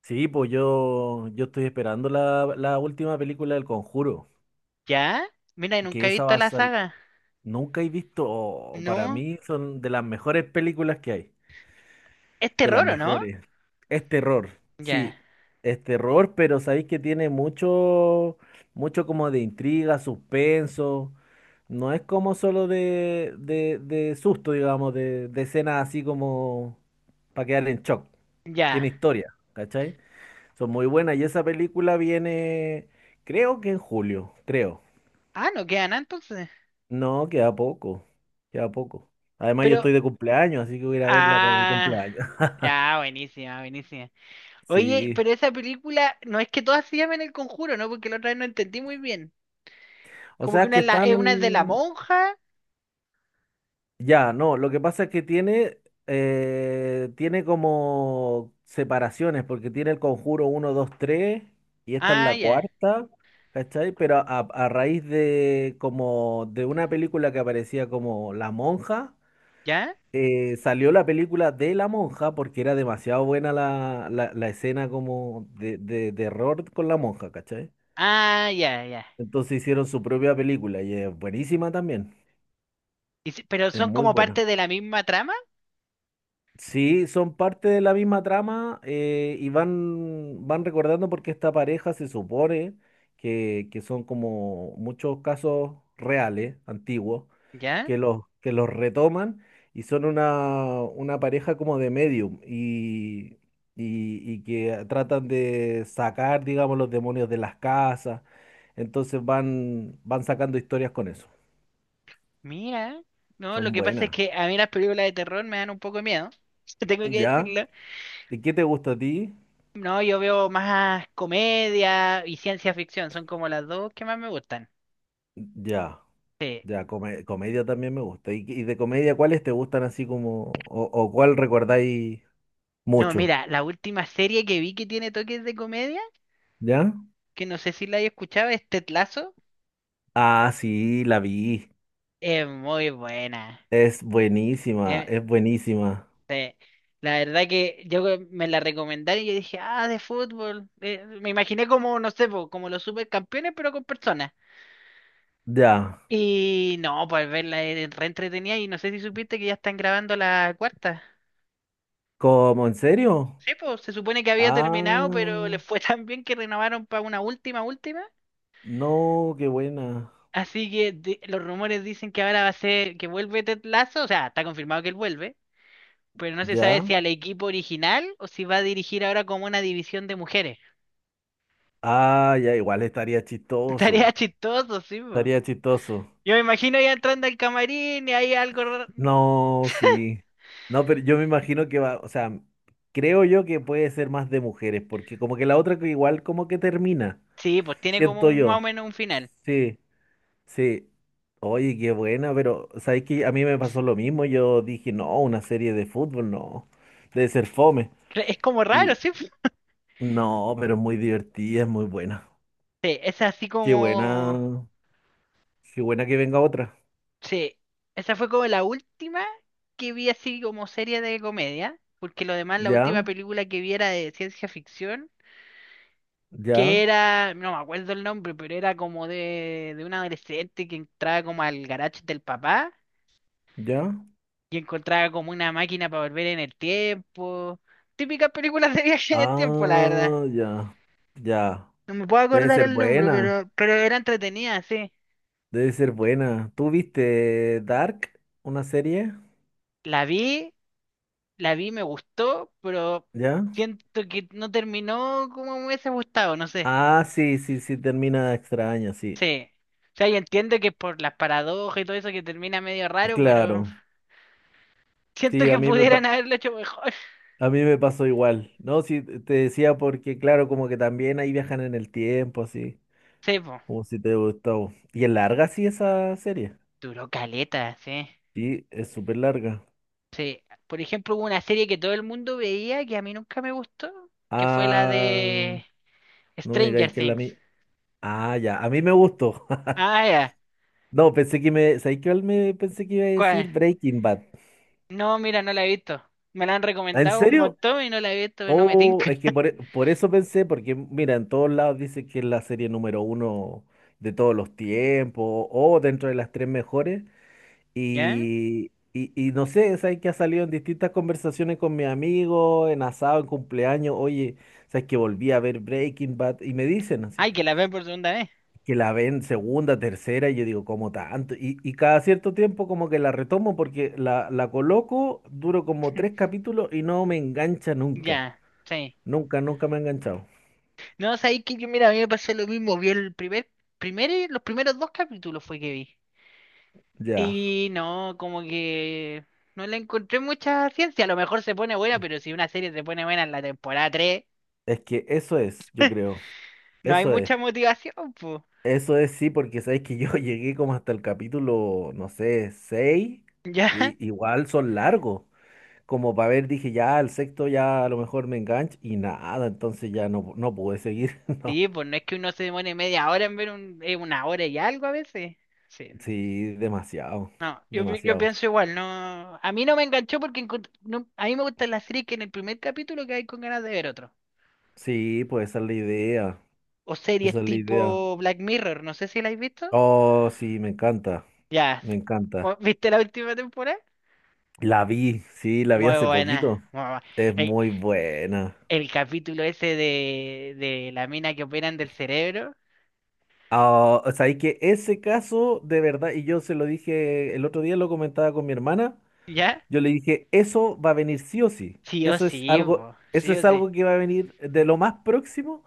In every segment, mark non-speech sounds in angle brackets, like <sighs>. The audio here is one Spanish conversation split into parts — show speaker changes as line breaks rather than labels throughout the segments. Sí, pues yo estoy esperando la última película del Conjuro,
¿Ya? Mira,
que
nunca he
esa
visto
va a
la
salir.
saga.
Nunca he visto, oh, para
No.
mí son de las mejores películas que hay,
Es
de las
terror, ¿o no?
mejores. Es terror,
Ya.
sí, es terror, pero sabéis que tiene mucho, mucho como de intriga, suspenso. No es como solo de susto, digamos, de escenas así como para quedar en shock.
Ya.
Tiene historia, ¿cachai? Son muy buenas. Y esa película viene, creo que en julio, creo.
Ah, no queda nada entonces.
No, queda poco, queda poco. Además, yo
Pero.
estoy de cumpleaños, así que voy a ir a verla para mi
Ah.
cumpleaños.
Ya,
<laughs>
buenísima, buenísima. Oye,
Sí.
pero esa película no es que todas se llamen El Conjuro, ¿no? Porque la otra vez no entendí muy bien.
O
Como que
sea,
una
que
es, una es de la
están.
monja.
Ya, no, lo que pasa es que tiene como separaciones, porque tiene el Conjuro uno 2 3 y esta es
Ah,
la
ya.
cuarta, ¿cachai? Pero a raíz de como de una película que aparecía como La Monja.
¿Ya?
Salió la película de la monja porque era demasiado buena la escena como de error con la monja, ¿cachai?
Ah, ya, ya.
Entonces hicieron su propia película y es buenísima también,
Pero
es
son
muy
como parte
buena.
de la misma trama.
Sí, son parte de la misma trama y van recordando porque esta pareja se supone que son como muchos casos reales, antiguos,
¿Ya?
que los retoman y son una pareja como de medium y que tratan de sacar, digamos, los demonios de las casas. Entonces van sacando historias con eso.
Mira. No, lo
Son
que pasa es
buenas.
que a mí las películas de terror me dan un poco de miedo. <laughs> Tengo que
¿Ya?
decirlo.
¿Y qué te gusta a ti?
No, yo veo más comedia y ciencia ficción, son como las dos que más me gustan.
Ya.
Sí.
Ya, comedia también me gusta. ¿Y de comedia cuáles te gustan así como, o cuál recordáis
No,
mucho?
mira, la última serie que vi que tiene toques de comedia,
¿Ya?
que no sé si la hay escuchado, es Ted Lasso,
Ah, sí, la vi.
es muy buena.
Es buenísima,
Eh,
es buenísima.
sí. La verdad que yo que me la recomendaron y yo dije, ah, de fútbol. Me imaginé como, no sé, po, como los supercampeones, pero con personas.
Ya.
Y no, pues verla es re entretenida y no sé si supiste que ya están grabando la cuarta.
¿Cómo? ¿En serio?
Sí, pues se supone que había terminado, pero le
Ah,
fue <laughs> tan bien que renovaron para una última, última.
no, qué buena.
Así que los rumores dicen que ahora va a ser que vuelve Ted Lasso, o sea, está confirmado que él vuelve, pero no se sabe
¿Ya?
si al equipo original o si va a dirigir ahora como una división de mujeres.
Ah, ya, igual estaría
<laughs> Estaría
chistoso.
chistoso, sí, pues.
Estaría chistoso.
Yo me imagino ya entrando al camarín y ahí algo raro.
No, sí. No, pero yo me imagino que va, o sea, creo yo que puede ser más de mujeres, porque como que la otra que igual como que termina,
Sí, pues tiene como
siento
un, más o
yo.
menos un final.
Sí, sí. Oye, qué buena, pero sabes que a mí me pasó lo mismo. Yo dije, no, una serie de fútbol, no, debe ser fome.
Es como raro,
Y
sí, po.
no, pero es muy divertida, es muy buena.
Sí, es así
Qué
como.
buena, qué buena que venga otra.
Sí, esa fue como la última que vi así como serie de comedia, porque lo demás, la
Ya,
última película que vi era de ciencia ficción, que
ya,
era, no me acuerdo el nombre, pero era como de, un adolescente que entraba como al garage del papá
ya.
y encontraba como una máquina para volver en el tiempo. Típicas películas de <laughs> viaje en el tiempo, la verdad.
Ah, ya, ya.
No me puedo
Debe
acordar
ser
el nombre,
buena,
pero era entretenida, sí.
debe ser buena. ¿Tú viste Dark, una serie?
La vi la vi, me gustó, pero
¿Ya?
siento que no terminó como me hubiese gustado, no sé.
Ah, sí, sí, sí, termina extraña, sí.
Sí. O sea, yo entiendo que por las paradojas y todo eso que termina medio raro,
Claro,
pero siento
sí, a
que
mí me, pa-
pudieran haberlo hecho mejor. <laughs>
a mí me pasó igual. No, sí, te decía porque, claro, como que también ahí viajan en el tiempo, así,
Sí, po.
como si te gustó. Y es larga, sí, esa serie.
Duró caleta, sí.
Sí, es súper larga.
Sí. Por ejemplo, hubo una serie que todo el mundo veía que a mí nunca me gustó, que fue la
Ah,
de
no me
Stranger
digáis que es la
Things.
mía. Ah, ya, a mí me gustó. <laughs>
Ah, ya.
No, pensé que me, ¿sabes qué? Me pensé que iba a
¿Cuál?
decir Breaking Bad.
No, mira, no la he visto. Me la han
Ah, ¿en
recomendado un
serio?
montón y no la he visto, no me
Oh,
tinca.
es que
<laughs>
por eso pensé, porque mira, en todos lados dice que es la serie número uno de todos los tiempos, o dentro de las tres mejores,
¿Ya?
y no sé, sabes que ha salido en distintas conversaciones con mis amigos, en asado, en cumpleaños, oye, sabes que volví a ver Breaking Bad, y me dicen así,
Ay, que la ven por segunda vez.
que la ven segunda, tercera, y yo digo, ¿cómo tanto? Y cada cierto tiempo como que la retomo porque la coloco, duro como tres capítulos y no me engancha nunca.
Ya, sí.
Nunca, nunca me ha enganchado.
No, sabéis que yo, mira, a mí me pasó lo mismo. Vi los primeros dos capítulos fue que vi.
Ya.
Y no, como que no le encontré mucha ciencia. A lo mejor se pone buena, pero si una serie se pone buena en la temporada 3
Es que eso es, yo creo.
no hay
Eso
mucha
es.
motivación, pues.
Eso es sí, porque sabes que yo <laughs> llegué como hasta el capítulo, no sé, seis
Ya. <laughs>
y igual son largos. Como para ver, dije, ya, el sexto ya a lo mejor me engancho. Y nada, entonces ya no pude seguir. <laughs> No.
Sí, pues no es que uno se demore media hora en ver una hora y algo a veces. Sí.
Sí, demasiado.
No, yo, yo
Demasiado.
pienso igual, no. A mí no me enganchó porque a mí me gustan las series que en el primer capítulo que hay con ganas de ver otro.
Sí, pues esa es la idea.
O series
Esa es la
tipo
idea.
Black Mirror, no sé si la habéis visto.
Oh, sí, me encanta.
Ya,
Me encanta.
¿viste la última temporada?
La vi, sí, la vi
Muy
hace
buena.
poquito. Es
El,
muy buena.
el capítulo ese de la mina que operan del cerebro,
Ah, o sea, y que ese caso, de verdad, y yo se lo dije el otro día, lo comentaba con mi hermana,
¿ya?
yo le dije, eso va a venir sí o sí.
Sí o sí, po,
Eso
sí o
es
sí.
algo que va a venir de lo más próximo,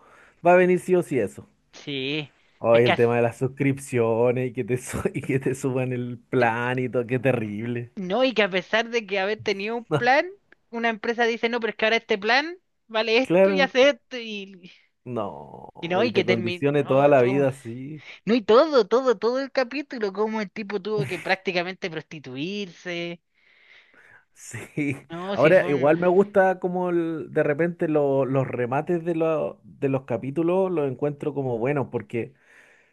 va a venir sí o sí eso.
Sí, es
Oye,
que
el tema de las suscripciones y <laughs> y que te suban el plan y todo, qué terrible.
no, y que a pesar de que haber tenido un
<laughs> No,
plan, una empresa dice, no, pero es que ahora este plan vale esto y
claro,
hace esto y,
no,
y no, y
y
que
te
terminó
condicione toda la
todo.
vida así.
No, y todo, todo, todo el capítulo, cómo el tipo tuvo que prácticamente prostituirse.
Sí,
No, si fue
ahora
un...
igual me gusta como de repente los remates de los capítulos los encuentro como buenos, porque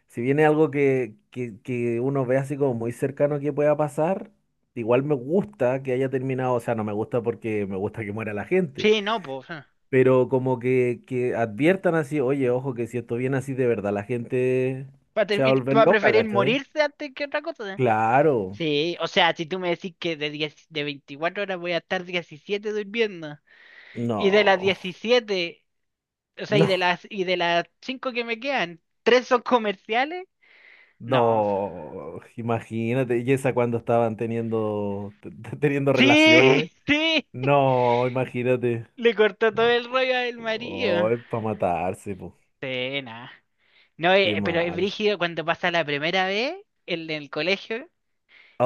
si viene algo que uno ve así como muy cercano que pueda pasar, igual me gusta que haya terminado, o sea, no me gusta porque me gusta que muera la gente,
Sí, no, pues. Va
pero como que adviertan así, oye, ojo, que si esto viene así de verdad, la gente
a,
se va a volver
a
loca,
preferir
¿cachai?
morirse antes que otra cosa.
Claro,
Sí, o sea, si tú me decís que 10 de 24 horas voy a estar 17 durmiendo, y de las
no,
17 o sea, y
<laughs> no,
de las, y de las 5 que me quedan, ¿tres son comerciales? No. <laughs>
no, imagínate, y esa cuando estaban teniendo teniendo
Sí,
relaciones.
sí,
No, imagínate.
le cortó todo
No.
el rollo al
Oh,
marido.
es para matarse, pues.
Sí, nada. No,
Qué
pero es
mal.
brígido cuando pasa la primera vez en el colegio,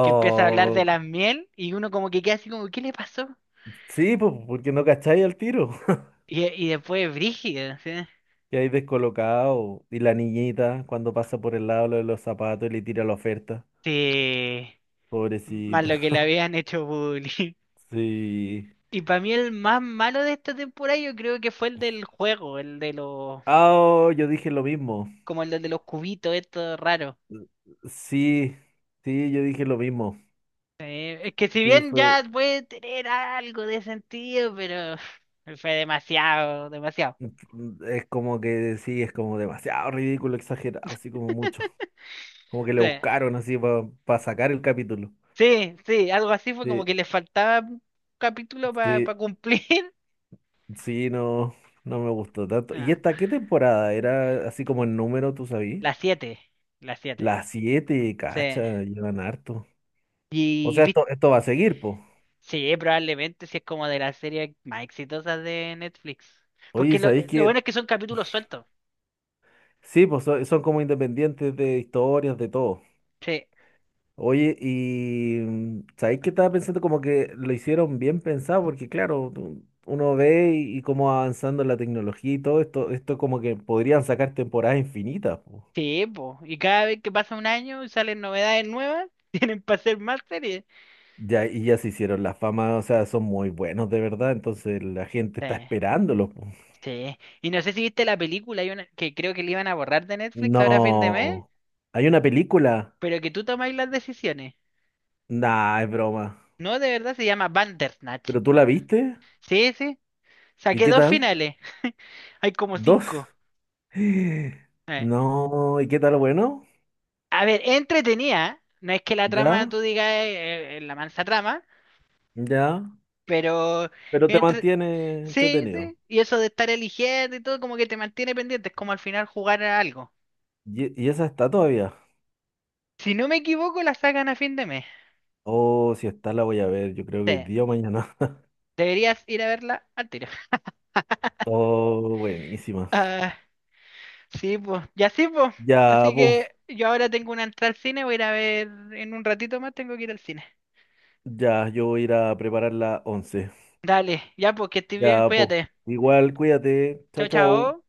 que empieza a hablar de las miel y uno como que queda así como, ¿qué le pasó?
sí, pues, porque no cacháis al tiro. <laughs>
Y después es brígido, ¿sí?
Y ahí descolocado. Y la niñita, cuando pasa por el lado lo de los zapatos y le tira la oferta.
Sí, más
Pobrecita.
lo que le
<laughs>
habían hecho bullying. <laughs>
Sí.
Y para mí el más malo de esta temporada yo creo que fue el del juego,
Ah, oh, yo dije lo mismo.
como el de los cubitos, esto raro.
Sí, sí, yo dije lo mismo.
Es que si
Sí,
bien
fue.
ya puede tener algo de sentido, pero <laughs> fue demasiado, demasiado.
Es como que sí, es como demasiado ridículo, exagerado, así como mucho. Como que le
Sí.
buscaron así para sacar el capítulo.
Sí, sí, algo así fue como
Sí,
que le faltaba un capítulo para
sí,
cumplir. <laughs>
sí, no, no me gustó tanto. ¿Y
Ah,
esta qué temporada? Era así como el número, tú sabías.
la 7, la 7.
Las siete,
Sí.
cacha, llevan harto. O
Y
sea,
vi-
esto va a seguir, po.
sí, probablemente si es como de las series más exitosas de Netflix. Porque
Oye,
lo,
¿sabéis
lo
que?
bueno es que son capítulos sueltos.
Sí, pues son como independientes de historias, de todo.
Sí,
Oye, y ¿sabéis que estaba pensando como que lo hicieron bien pensado? Porque claro, uno ve y cómo va avanzando la tecnología y todo esto como que podrían sacar temporadas infinitas, po.
sí, po. Y cada vez que pasa un año y salen novedades nuevas, <laughs> tienen para hacer más series.
Ya, y ya se hicieron la fama, o sea, son muy buenos de verdad, entonces la gente
Sí,
está esperándolos, po.
sí. Y no sé si viste la película, hay una que creo que le iban a borrar de Netflix ahora a fin de mes,
No, hay una película.
pero que tú tomáis las decisiones.
Nah, es broma.
No, de verdad se llama Bandersnatch.
¿Pero tú la viste?
Sí, sí.
¿Y
Saqué
qué
dos
tal?
finales. Hay como
¿Dos?
cinco.
<gasps> <sighs>
Eh,
No, ¿y qué tal? Bueno,
A ver, entretenida. No es que la trama tú
ya,
digas la mansa trama,
ya.
pero
Pero te
entre...
mantiene
Sí,
entretenido.
sí. Y eso de estar eligiendo y todo como que te mantiene pendiente. Es como al final jugar a algo.
¿Y esa está todavía?
Si no me equivoco, la sacan a fin de mes.
Oh, si está la voy a ver, yo creo que hoy
Sí.
día o mañana. <laughs>
Deberías ir a verla al tiro. <laughs>
Oh, buenísima.
Ah, sí, pues. Ya sí, pues.
Ya,
Así
pues,
que yo ahora tengo una entrada al cine. Voy a ir a ver en un ratito más. Tengo que ir al cine.
ya, yo voy a ir a preparar la once.
Dale, ya porque estoy bien,
Ya, pues,
cuídate.
igual, cuídate. Chao,
Chao,
chao.
chao.